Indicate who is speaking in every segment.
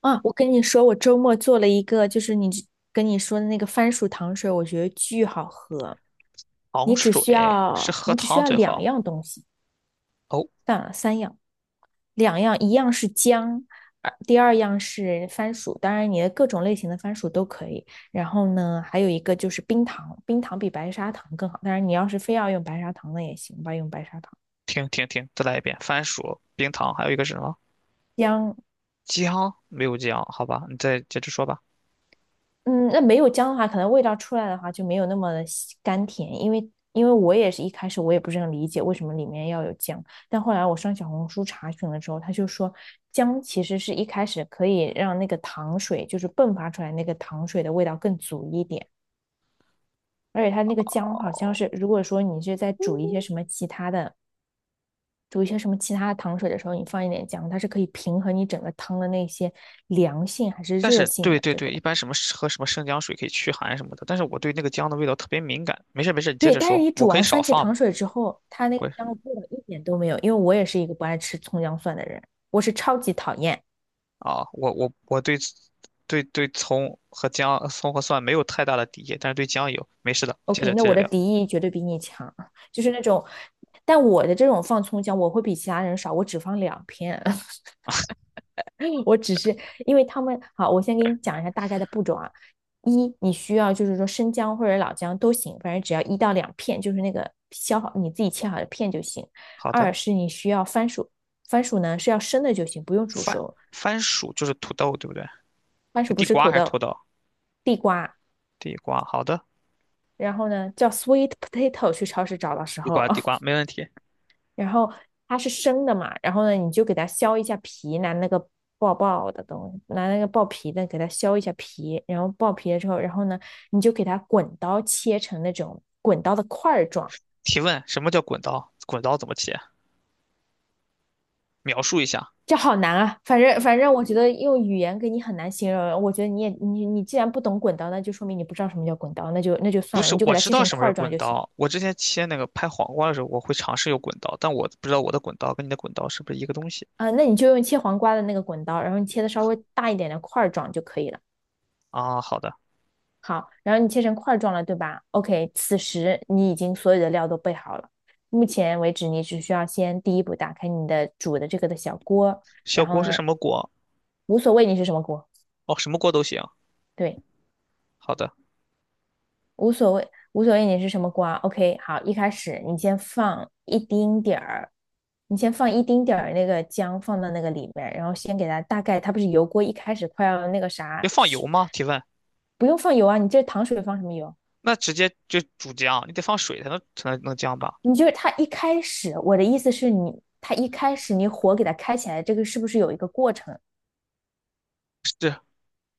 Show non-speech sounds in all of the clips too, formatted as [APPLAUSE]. Speaker 1: 啊，我跟你说，我周末做了一个，就是你跟你说的那个番薯糖水，我觉得巨好喝。
Speaker 2: 糖
Speaker 1: 你只
Speaker 2: 水
Speaker 1: 需
Speaker 2: 是
Speaker 1: 要，
Speaker 2: 喝
Speaker 1: 你只需
Speaker 2: 汤
Speaker 1: 要
Speaker 2: 最
Speaker 1: 两
Speaker 2: 好。
Speaker 1: 样东西，
Speaker 2: 哦，
Speaker 1: 算了，三样，两样，一样是姜，第二样是番薯，当然你的各种类型的番薯都可以。然后呢，还有一个就是冰糖，冰糖比白砂糖更好，当然你要是非要用白砂糖的也行吧，用白砂糖。
Speaker 2: 停停停，再来一遍。番薯、冰糖，还有一个是什么？
Speaker 1: 姜。
Speaker 2: 姜？没有姜，好吧，你再接着说吧。
Speaker 1: 嗯，那没有姜的话，可能味道出来的话就没有那么的吸甘甜，因为我也是一开始我也不是很理解为什么里面要有姜，但后来我上小红书查询了之后，他就说姜其实是一开始可以让那个糖水就是迸发出来那个糖水的味道更足一点，而且它那个姜好像是如果说你是在煮一些什么其他的糖水的时候，你放一点姜，它是可以平衡你整个汤的那些凉性还是
Speaker 2: 但
Speaker 1: 热
Speaker 2: 是，
Speaker 1: 性
Speaker 2: 对
Speaker 1: 的
Speaker 2: 对
Speaker 1: 这
Speaker 2: 对，
Speaker 1: 个。
Speaker 2: 一般什么喝什么生姜水可以驱寒什么的，但是我对那个姜的味道特别敏感。没事没事，你接
Speaker 1: 对，
Speaker 2: 着
Speaker 1: 但是
Speaker 2: 说，
Speaker 1: 你
Speaker 2: 我
Speaker 1: 煮
Speaker 2: 可以
Speaker 1: 完
Speaker 2: 少
Speaker 1: 番茄
Speaker 2: 放
Speaker 1: 糖
Speaker 2: 嘛。
Speaker 1: 水之后，它那个
Speaker 2: 我
Speaker 1: 香味儿一点都没有。因为我也是一个不爱吃葱姜蒜的人，我是超级讨厌。
Speaker 2: 啊，我对对对葱和姜、葱和蒜没有太大的敌意，但是对姜有。没事的，接
Speaker 1: OK，
Speaker 2: 着
Speaker 1: 那
Speaker 2: 接
Speaker 1: 我
Speaker 2: 着
Speaker 1: 的
Speaker 2: 聊。
Speaker 1: 敌意绝对比你强，就是那种，但我的这种放葱姜，我会比其他人少，我只放两片，[LAUGHS] 我只是因为他们好，我先给你讲一下大概的步骤啊。一，你需要就是说生姜或者老姜都行，反正只要1到2片，就是那个削好你自己切好的片就行。
Speaker 2: 好的，
Speaker 1: 二是你需要番薯，番薯呢是要生的就行，不用煮
Speaker 2: 番
Speaker 1: 熟。
Speaker 2: 番薯就是土豆，对不对？
Speaker 1: 番
Speaker 2: 是
Speaker 1: 薯不
Speaker 2: 地
Speaker 1: 是
Speaker 2: 瓜
Speaker 1: 土
Speaker 2: 还是土
Speaker 1: 豆，
Speaker 2: 豆？
Speaker 1: 地瓜，
Speaker 2: 地瓜，好的。
Speaker 1: 然后呢叫 sweet potato 去超市找的时
Speaker 2: 地
Speaker 1: 候，
Speaker 2: 瓜，地瓜，
Speaker 1: [LAUGHS]
Speaker 2: 没问题。
Speaker 1: 然后它是生的嘛，然后呢你就给它削一下皮，拿那个爆爆的东西，拿那个爆皮的给它削一下皮，然后爆皮了之后，然后呢你就给它滚刀切成那种滚刀的块状。
Speaker 2: 提问：什么叫滚刀？滚刀怎么切？描述一下。
Speaker 1: 这好难啊！反正，我觉得用语言给你很难形容。我觉得你也你你既然不懂滚刀，那就说明你不知道什么叫滚刀，那就
Speaker 2: 不
Speaker 1: 算了，
Speaker 2: 是，
Speaker 1: 你就给
Speaker 2: 我
Speaker 1: 它
Speaker 2: 知
Speaker 1: 切
Speaker 2: 道
Speaker 1: 成
Speaker 2: 什么是
Speaker 1: 块状
Speaker 2: 滚
Speaker 1: 就行。
Speaker 2: 刀。我之前切那个拍黄瓜的时候，我会尝试用滚刀，但我不知道我的滚刀跟你的滚刀是不是一个东西
Speaker 1: 那你就用切黄瓜的那个滚刀，然后你切的稍微大一点的块儿状就可以了。
Speaker 2: 啊？好的，
Speaker 1: 好，然后你切成块儿状了，对吧？OK，此时你已经所有的料都备好了。目前为止，你只需要先第一步打开你的煮的这个的小锅，
Speaker 2: 小
Speaker 1: 然后
Speaker 2: 锅是
Speaker 1: 呢，
Speaker 2: 什么锅？
Speaker 1: 无所谓你是什么锅，
Speaker 2: 哦，什么锅都行。
Speaker 1: 对，
Speaker 2: 好的，
Speaker 1: 无所谓，无所谓你是什么锅。 o k 好，一开始你先放一丁点儿，你先放一丁点儿那个姜放到那个里面，然后先给它大概，它不是油锅一开始快要那个
Speaker 2: 要
Speaker 1: 啥，
Speaker 2: 放油
Speaker 1: 是
Speaker 2: 吗？提问。
Speaker 1: 不用放油啊，你这糖水放什么油？
Speaker 2: 那直接就煮姜，你得放水才能能姜吧？
Speaker 1: 你就是它一开始，我的意思是你，它一开始你火给它开起来，这个是不是有一个过程？
Speaker 2: 是，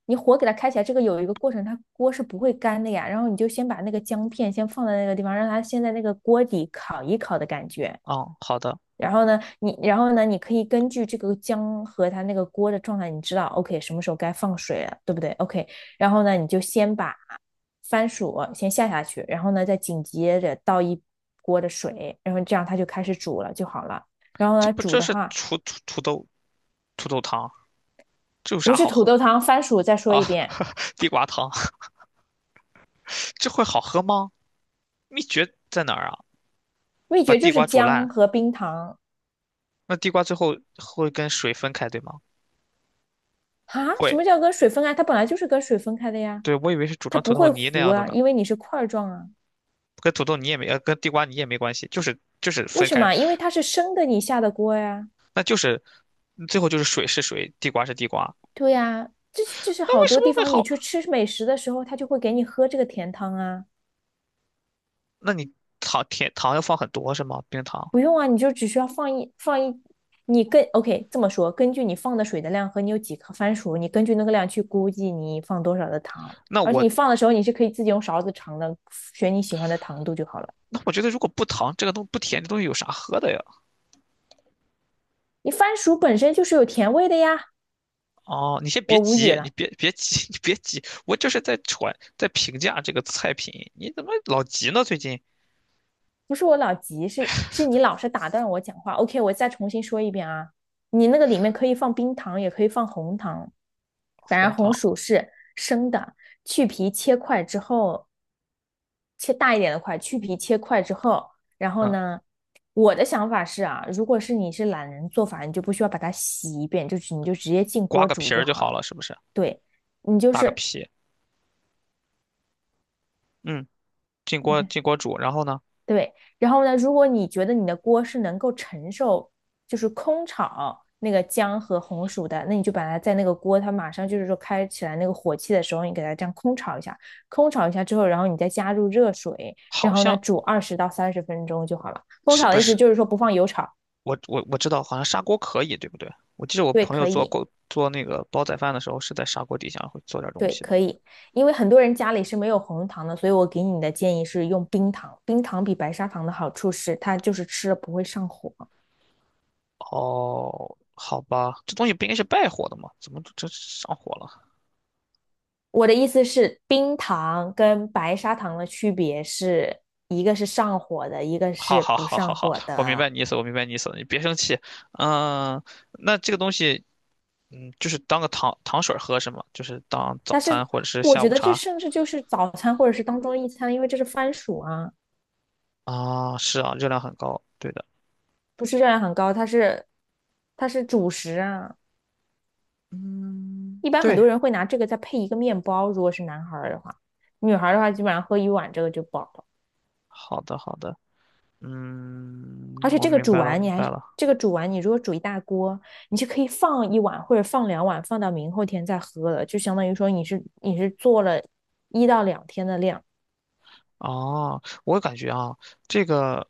Speaker 1: 你火给它开起来，这个有一个过程，它锅是不会干的呀。然后你就先把那个姜片先放在那个地方，让它先在那个锅底烤一烤的感觉。
Speaker 2: 啊，好的。
Speaker 1: 然后呢，你然后呢，你可以根据这个姜和它那个锅的状态，你知道 OK 什么时候该放水了，对不对？OK，然后呢，你就先把番薯先下下去，然后呢，再紧接着倒一锅的水，然后这样它就开始煮了就好了。然后
Speaker 2: 这
Speaker 1: 呢，
Speaker 2: 不
Speaker 1: 煮
Speaker 2: 这
Speaker 1: 的
Speaker 2: 是
Speaker 1: 话
Speaker 2: 土豆土豆汤，这有
Speaker 1: 不
Speaker 2: 啥
Speaker 1: 是
Speaker 2: 好
Speaker 1: 土
Speaker 2: 喝
Speaker 1: 豆
Speaker 2: 的
Speaker 1: 汤，番薯再说
Speaker 2: 啊？
Speaker 1: 一遍，
Speaker 2: [LAUGHS] 地瓜汤，[LAUGHS] 这会好喝吗？秘诀在哪儿啊？
Speaker 1: 秘
Speaker 2: 把
Speaker 1: 诀
Speaker 2: 地
Speaker 1: 就是
Speaker 2: 瓜煮烂，
Speaker 1: 姜和冰糖。
Speaker 2: 那地瓜最后会跟水分开，对吗？
Speaker 1: 啊。什
Speaker 2: 会，
Speaker 1: 么叫跟水分啊？它本来就是跟水分开的呀，
Speaker 2: 对，我以为是煮
Speaker 1: 它
Speaker 2: 成土
Speaker 1: 不
Speaker 2: 豆
Speaker 1: 会
Speaker 2: 泥那
Speaker 1: 糊
Speaker 2: 样的
Speaker 1: 啊，
Speaker 2: 呢，
Speaker 1: 因为你是块状啊。
Speaker 2: 跟土豆泥也没，跟地瓜泥也没关系，就是
Speaker 1: 为
Speaker 2: 分
Speaker 1: 什
Speaker 2: 开，
Speaker 1: 么？因为它是生的，你下的锅呀。
Speaker 2: 那就是最后就是水是水，地瓜是地瓜，
Speaker 1: 对呀，这是
Speaker 2: 那
Speaker 1: 好
Speaker 2: 为什
Speaker 1: 多
Speaker 2: 么
Speaker 1: 地
Speaker 2: 会
Speaker 1: 方你
Speaker 2: 好？
Speaker 1: 去吃美食的时候，他就会给你喝这个甜汤啊，
Speaker 2: 那你糖甜糖要放很多是吗？冰糖？
Speaker 1: 不用啊，你就只需要放一放一，你跟 OK 这么说，根据你放的水的量和你有几颗番薯，你根据那个量去估计你放多少的糖，
Speaker 2: 那
Speaker 1: 而且
Speaker 2: 我
Speaker 1: 你放的时候你是可以自己用勺子尝的，选你喜欢的糖度就好了。
Speaker 2: 那我觉得如果不糖这个东不甜，这东西有啥喝的呀？
Speaker 1: 你番薯本身就是有甜味的呀，
Speaker 2: 哦，你先别
Speaker 1: 我无语
Speaker 2: 急，你
Speaker 1: 了。
Speaker 2: 别别急，[LAUGHS] 你别急，我就是在传在评价这个菜品，你怎么老急呢？最近
Speaker 1: 不是我老急，是你老是打断我讲话。OK，我再重新说一遍啊，你那个里面可以放冰糖，也可以放红糖，反
Speaker 2: 红
Speaker 1: 正红
Speaker 2: 糖，
Speaker 1: 薯是生的，去皮切块之后，切大一点的块，去皮切块之后，然后
Speaker 2: 嗯，
Speaker 1: 呢，我的想法是啊，如果是你是懒人做法，你就不需要把它洗一遍，就是你就直接进
Speaker 2: 刮
Speaker 1: 锅
Speaker 2: 个
Speaker 1: 煮
Speaker 2: 皮
Speaker 1: 就
Speaker 2: 儿就
Speaker 1: 好
Speaker 2: 好
Speaker 1: 了。
Speaker 2: 了，是不是？
Speaker 1: 对，你就
Speaker 2: 打个
Speaker 1: 是。
Speaker 2: 皮，嗯，进锅
Speaker 1: 嗯
Speaker 2: 进锅煮，然后呢，
Speaker 1: 对，然后呢，如果你觉得你的锅是能够承受，就是空炒那个姜和红薯的，那你就把它在那个锅，它马上就是说开起来那个火气的时候，你给它这样空炒一下，空炒一下之后，然后你再加入热水，
Speaker 2: 好
Speaker 1: 然后呢
Speaker 2: 像
Speaker 1: 煮20到30分钟就好了。空
Speaker 2: 是
Speaker 1: 炒的
Speaker 2: 不
Speaker 1: 意思
Speaker 2: 是
Speaker 1: 就是说不放油炒，
Speaker 2: 我知道，好像砂锅可以，对不对？我记得我
Speaker 1: 对，
Speaker 2: 朋友
Speaker 1: 可
Speaker 2: 做
Speaker 1: 以，
Speaker 2: 过做那个煲仔饭的时候，是在砂锅底下会做点东
Speaker 1: 对，
Speaker 2: 西的。
Speaker 1: 可以，因为很多人家里是没有红糖的，所以我给你的建议是用冰糖，冰糖比白砂糖的好处是它就是吃了不会上火。
Speaker 2: 哦，好吧，这东西不应该是败火的吗？怎么这上火了？
Speaker 1: 我的意思是，冰糖跟白砂糖的区别是一个是上火的，一个
Speaker 2: 好
Speaker 1: 是
Speaker 2: 好
Speaker 1: 不
Speaker 2: 好好
Speaker 1: 上
Speaker 2: 好，
Speaker 1: 火
Speaker 2: 我明白
Speaker 1: 的。
Speaker 2: 你意思，我明白你意思了，你别生气。嗯，那这个东西，嗯，就是当个糖糖水儿喝是吗？就是当
Speaker 1: 但
Speaker 2: 早
Speaker 1: 是
Speaker 2: 餐或者是
Speaker 1: 我
Speaker 2: 下
Speaker 1: 觉
Speaker 2: 午
Speaker 1: 得这
Speaker 2: 茶
Speaker 1: 甚至就是早餐或者是当中一餐，因为这是番薯啊，
Speaker 2: 啊？是啊，热量很高，对的。
Speaker 1: 不是热量很高，它是主食啊。
Speaker 2: 嗯，
Speaker 1: 一般很
Speaker 2: 对，
Speaker 1: 多人会拿这个再配一个面包，如果是男孩儿的话，女孩儿的话基本上喝一碗这个就饱了。
Speaker 2: 好的，好的，
Speaker 1: 而
Speaker 2: 嗯，
Speaker 1: 且
Speaker 2: 我
Speaker 1: 这个
Speaker 2: 明
Speaker 1: 煮
Speaker 2: 白了，我
Speaker 1: 完你
Speaker 2: 明
Speaker 1: 还
Speaker 2: 白
Speaker 1: 是
Speaker 2: 了。
Speaker 1: 这个煮完，你如果煮一大锅，你就可以放一碗或者放两碗，放到明后天再喝了，就相当于说你是做了1到2天的量，
Speaker 2: 哦，我感觉啊，这个，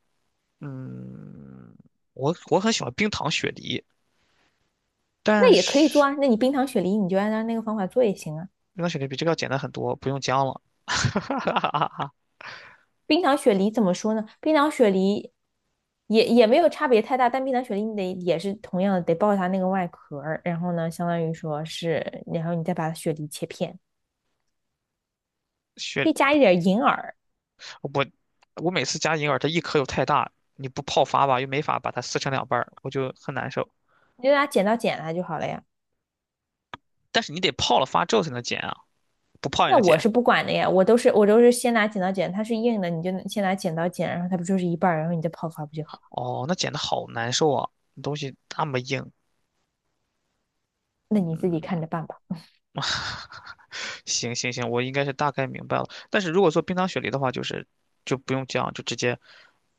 Speaker 2: 嗯，我很喜欢冰糖雪梨，但
Speaker 1: 那也可以做
Speaker 2: 是
Speaker 1: 啊。那你冰糖雪梨你就按照那个方法做也行啊。
Speaker 2: 冰糖雪梨比这个要简单很多，不用姜了。
Speaker 1: 冰糖雪梨怎么说呢？冰糖雪梨也没有差别太大，但冰糖雪梨你得也是同样的得爆它那个外壳然后呢，相当于说是，然后你再把雪梨切片，可
Speaker 2: 雪，
Speaker 1: 以加一点银耳，
Speaker 2: 我我每次加银耳，它一颗又太大，你不泡发吧，又没法把它撕成两半儿，我就很难受。
Speaker 1: 你就拿剪刀剪它就好了呀。
Speaker 2: 但是你得泡了发之后才能剪啊，不泡也
Speaker 1: 那
Speaker 2: 能
Speaker 1: 我
Speaker 2: 剪。
Speaker 1: 是不管的呀，我都是先拿剪刀剪，它是硬的，你就先拿剪刀剪，然后它不就是一半儿，然后你再泡发不就好了？
Speaker 2: 哦，那剪的好难受啊，东西那么硬。
Speaker 1: 那你自己看着办吧。
Speaker 2: [LAUGHS] 行行行，我应该是大概明白了。但是如果做冰糖雪梨的话，就是就不用这样，就直接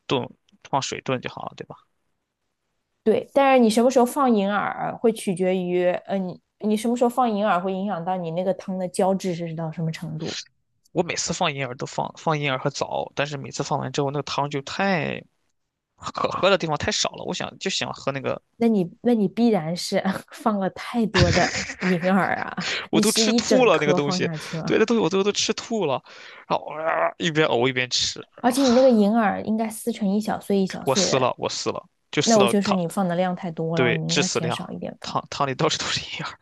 Speaker 2: 炖，放水炖就好了，对吧？
Speaker 1: 对，但是你什么时候放银耳会取决于，你你什么时候放银耳会影响到你那个汤的胶质是到什么程度？
Speaker 2: 我每次放银耳都放银耳和枣，但是每次放完之后，那个汤就太可喝的地方太少了。我想就想喝那个，
Speaker 1: 那你那你必然是 [LAUGHS] 放了太多的银耳啊，
Speaker 2: 我
Speaker 1: 你
Speaker 2: 都
Speaker 1: 是
Speaker 2: 吃
Speaker 1: 一
Speaker 2: 吐
Speaker 1: 整
Speaker 2: 了那个
Speaker 1: 颗
Speaker 2: 东
Speaker 1: 放
Speaker 2: 西，
Speaker 1: 下去
Speaker 2: 对，
Speaker 1: 吗？
Speaker 2: 那东西我都吃吐了，然后、啊一边呕一边吃，
Speaker 1: 而
Speaker 2: 然后
Speaker 1: 且你那个银耳应该撕成一小碎一小
Speaker 2: 我
Speaker 1: 碎
Speaker 2: 撕
Speaker 1: 的，
Speaker 2: 了，我撕了，就撕
Speaker 1: 那我
Speaker 2: 到
Speaker 1: 就是
Speaker 2: 汤，
Speaker 1: 你放的量太多了，
Speaker 2: 对，
Speaker 1: 你应
Speaker 2: 致
Speaker 1: 该
Speaker 2: 死
Speaker 1: 减
Speaker 2: 量，
Speaker 1: 少一点放。
Speaker 2: 汤汤里到处都是银耳。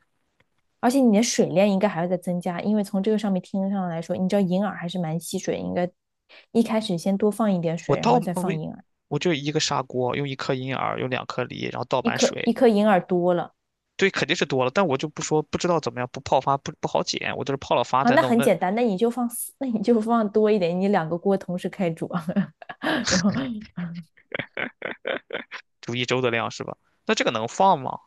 Speaker 1: 而且你的水量应该还会再增加，因为从这个上面听上来说，你知道银耳还是蛮吸水，应该一开始先多放一点
Speaker 2: 我
Speaker 1: 水，然
Speaker 2: 倒
Speaker 1: 后再
Speaker 2: 我
Speaker 1: 放银耳。
Speaker 2: 我就一个砂锅，用一颗银耳，用两颗梨，然后倒
Speaker 1: 一
Speaker 2: 满
Speaker 1: 颗一
Speaker 2: 水。
Speaker 1: 颗银耳多了，
Speaker 2: 对，肯定是多了，但我就不说，不知道怎么样，不泡发不好减，我就是泡了发
Speaker 1: 啊，
Speaker 2: 再
Speaker 1: 那
Speaker 2: 弄，
Speaker 1: 很
Speaker 2: 那
Speaker 1: 简单，那你就放四，[LAUGHS] 那你就放多一点，你两个锅同时开煮，[LAUGHS] 然后
Speaker 2: 煮一周的量是吧？那这个能放吗？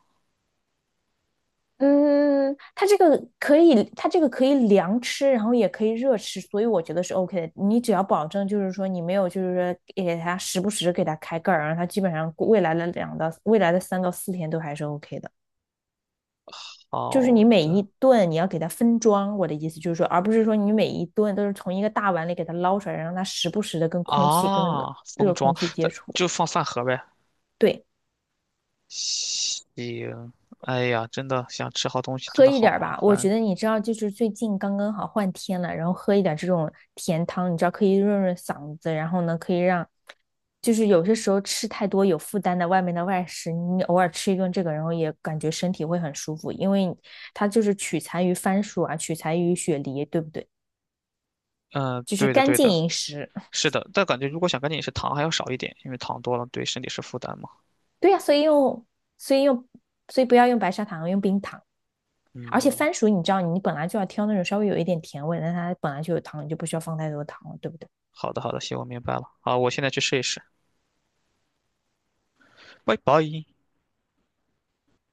Speaker 1: 嗯，它这个可以，它这个可以凉吃，然后也可以热吃，所以我觉得是 OK 的。你只要保证就是说你没有就是说给它时不时给它开盖儿，然后它基本上未来的两到未来的3到4天都还是 OK 的。就是
Speaker 2: 好
Speaker 1: 你每一
Speaker 2: 的
Speaker 1: 顿你要给它分装，我的意思就是说，而不是说你每一顿都是从一个大碗里给它捞出来，让它时不时的跟空气、跟
Speaker 2: 啊，
Speaker 1: 热
Speaker 2: 封装，
Speaker 1: 空气接
Speaker 2: 这
Speaker 1: 触。
Speaker 2: 就放饭盒呗。
Speaker 1: 对，
Speaker 2: 行，哎呀，真的想吃好东西，真
Speaker 1: 喝
Speaker 2: 的
Speaker 1: 一
Speaker 2: 好
Speaker 1: 点
Speaker 2: 麻
Speaker 1: 吧，我
Speaker 2: 烦。
Speaker 1: 觉得你知道，就是最近刚刚好换天了，然后喝一点这种甜汤，你知道可以润润嗓子，然后呢可以让就是有些时候吃太多有负担的外面的外食，你偶尔吃一顿这个，然后也感觉身体会很舒服，因为它就是取材于番薯啊，取材于雪梨，对不对？
Speaker 2: 嗯，
Speaker 1: 就是
Speaker 2: 对的
Speaker 1: 干
Speaker 2: 对
Speaker 1: 净
Speaker 2: 的，
Speaker 1: 饮食。
Speaker 2: 是的，但感觉如果想赶紧饮食，糖还要少一点，因为糖多了对身体是负担嘛。
Speaker 1: 对呀、所以用，所以不要用白砂糖，用冰糖。而且
Speaker 2: 嗯，
Speaker 1: 番薯，你知道，你本来就要挑那种稍微有一点甜味的但它本来就有糖，你就不需要放太多糖了，对不对？
Speaker 2: 好的好的，行，我明白了。好，我现在去试一试。拜拜。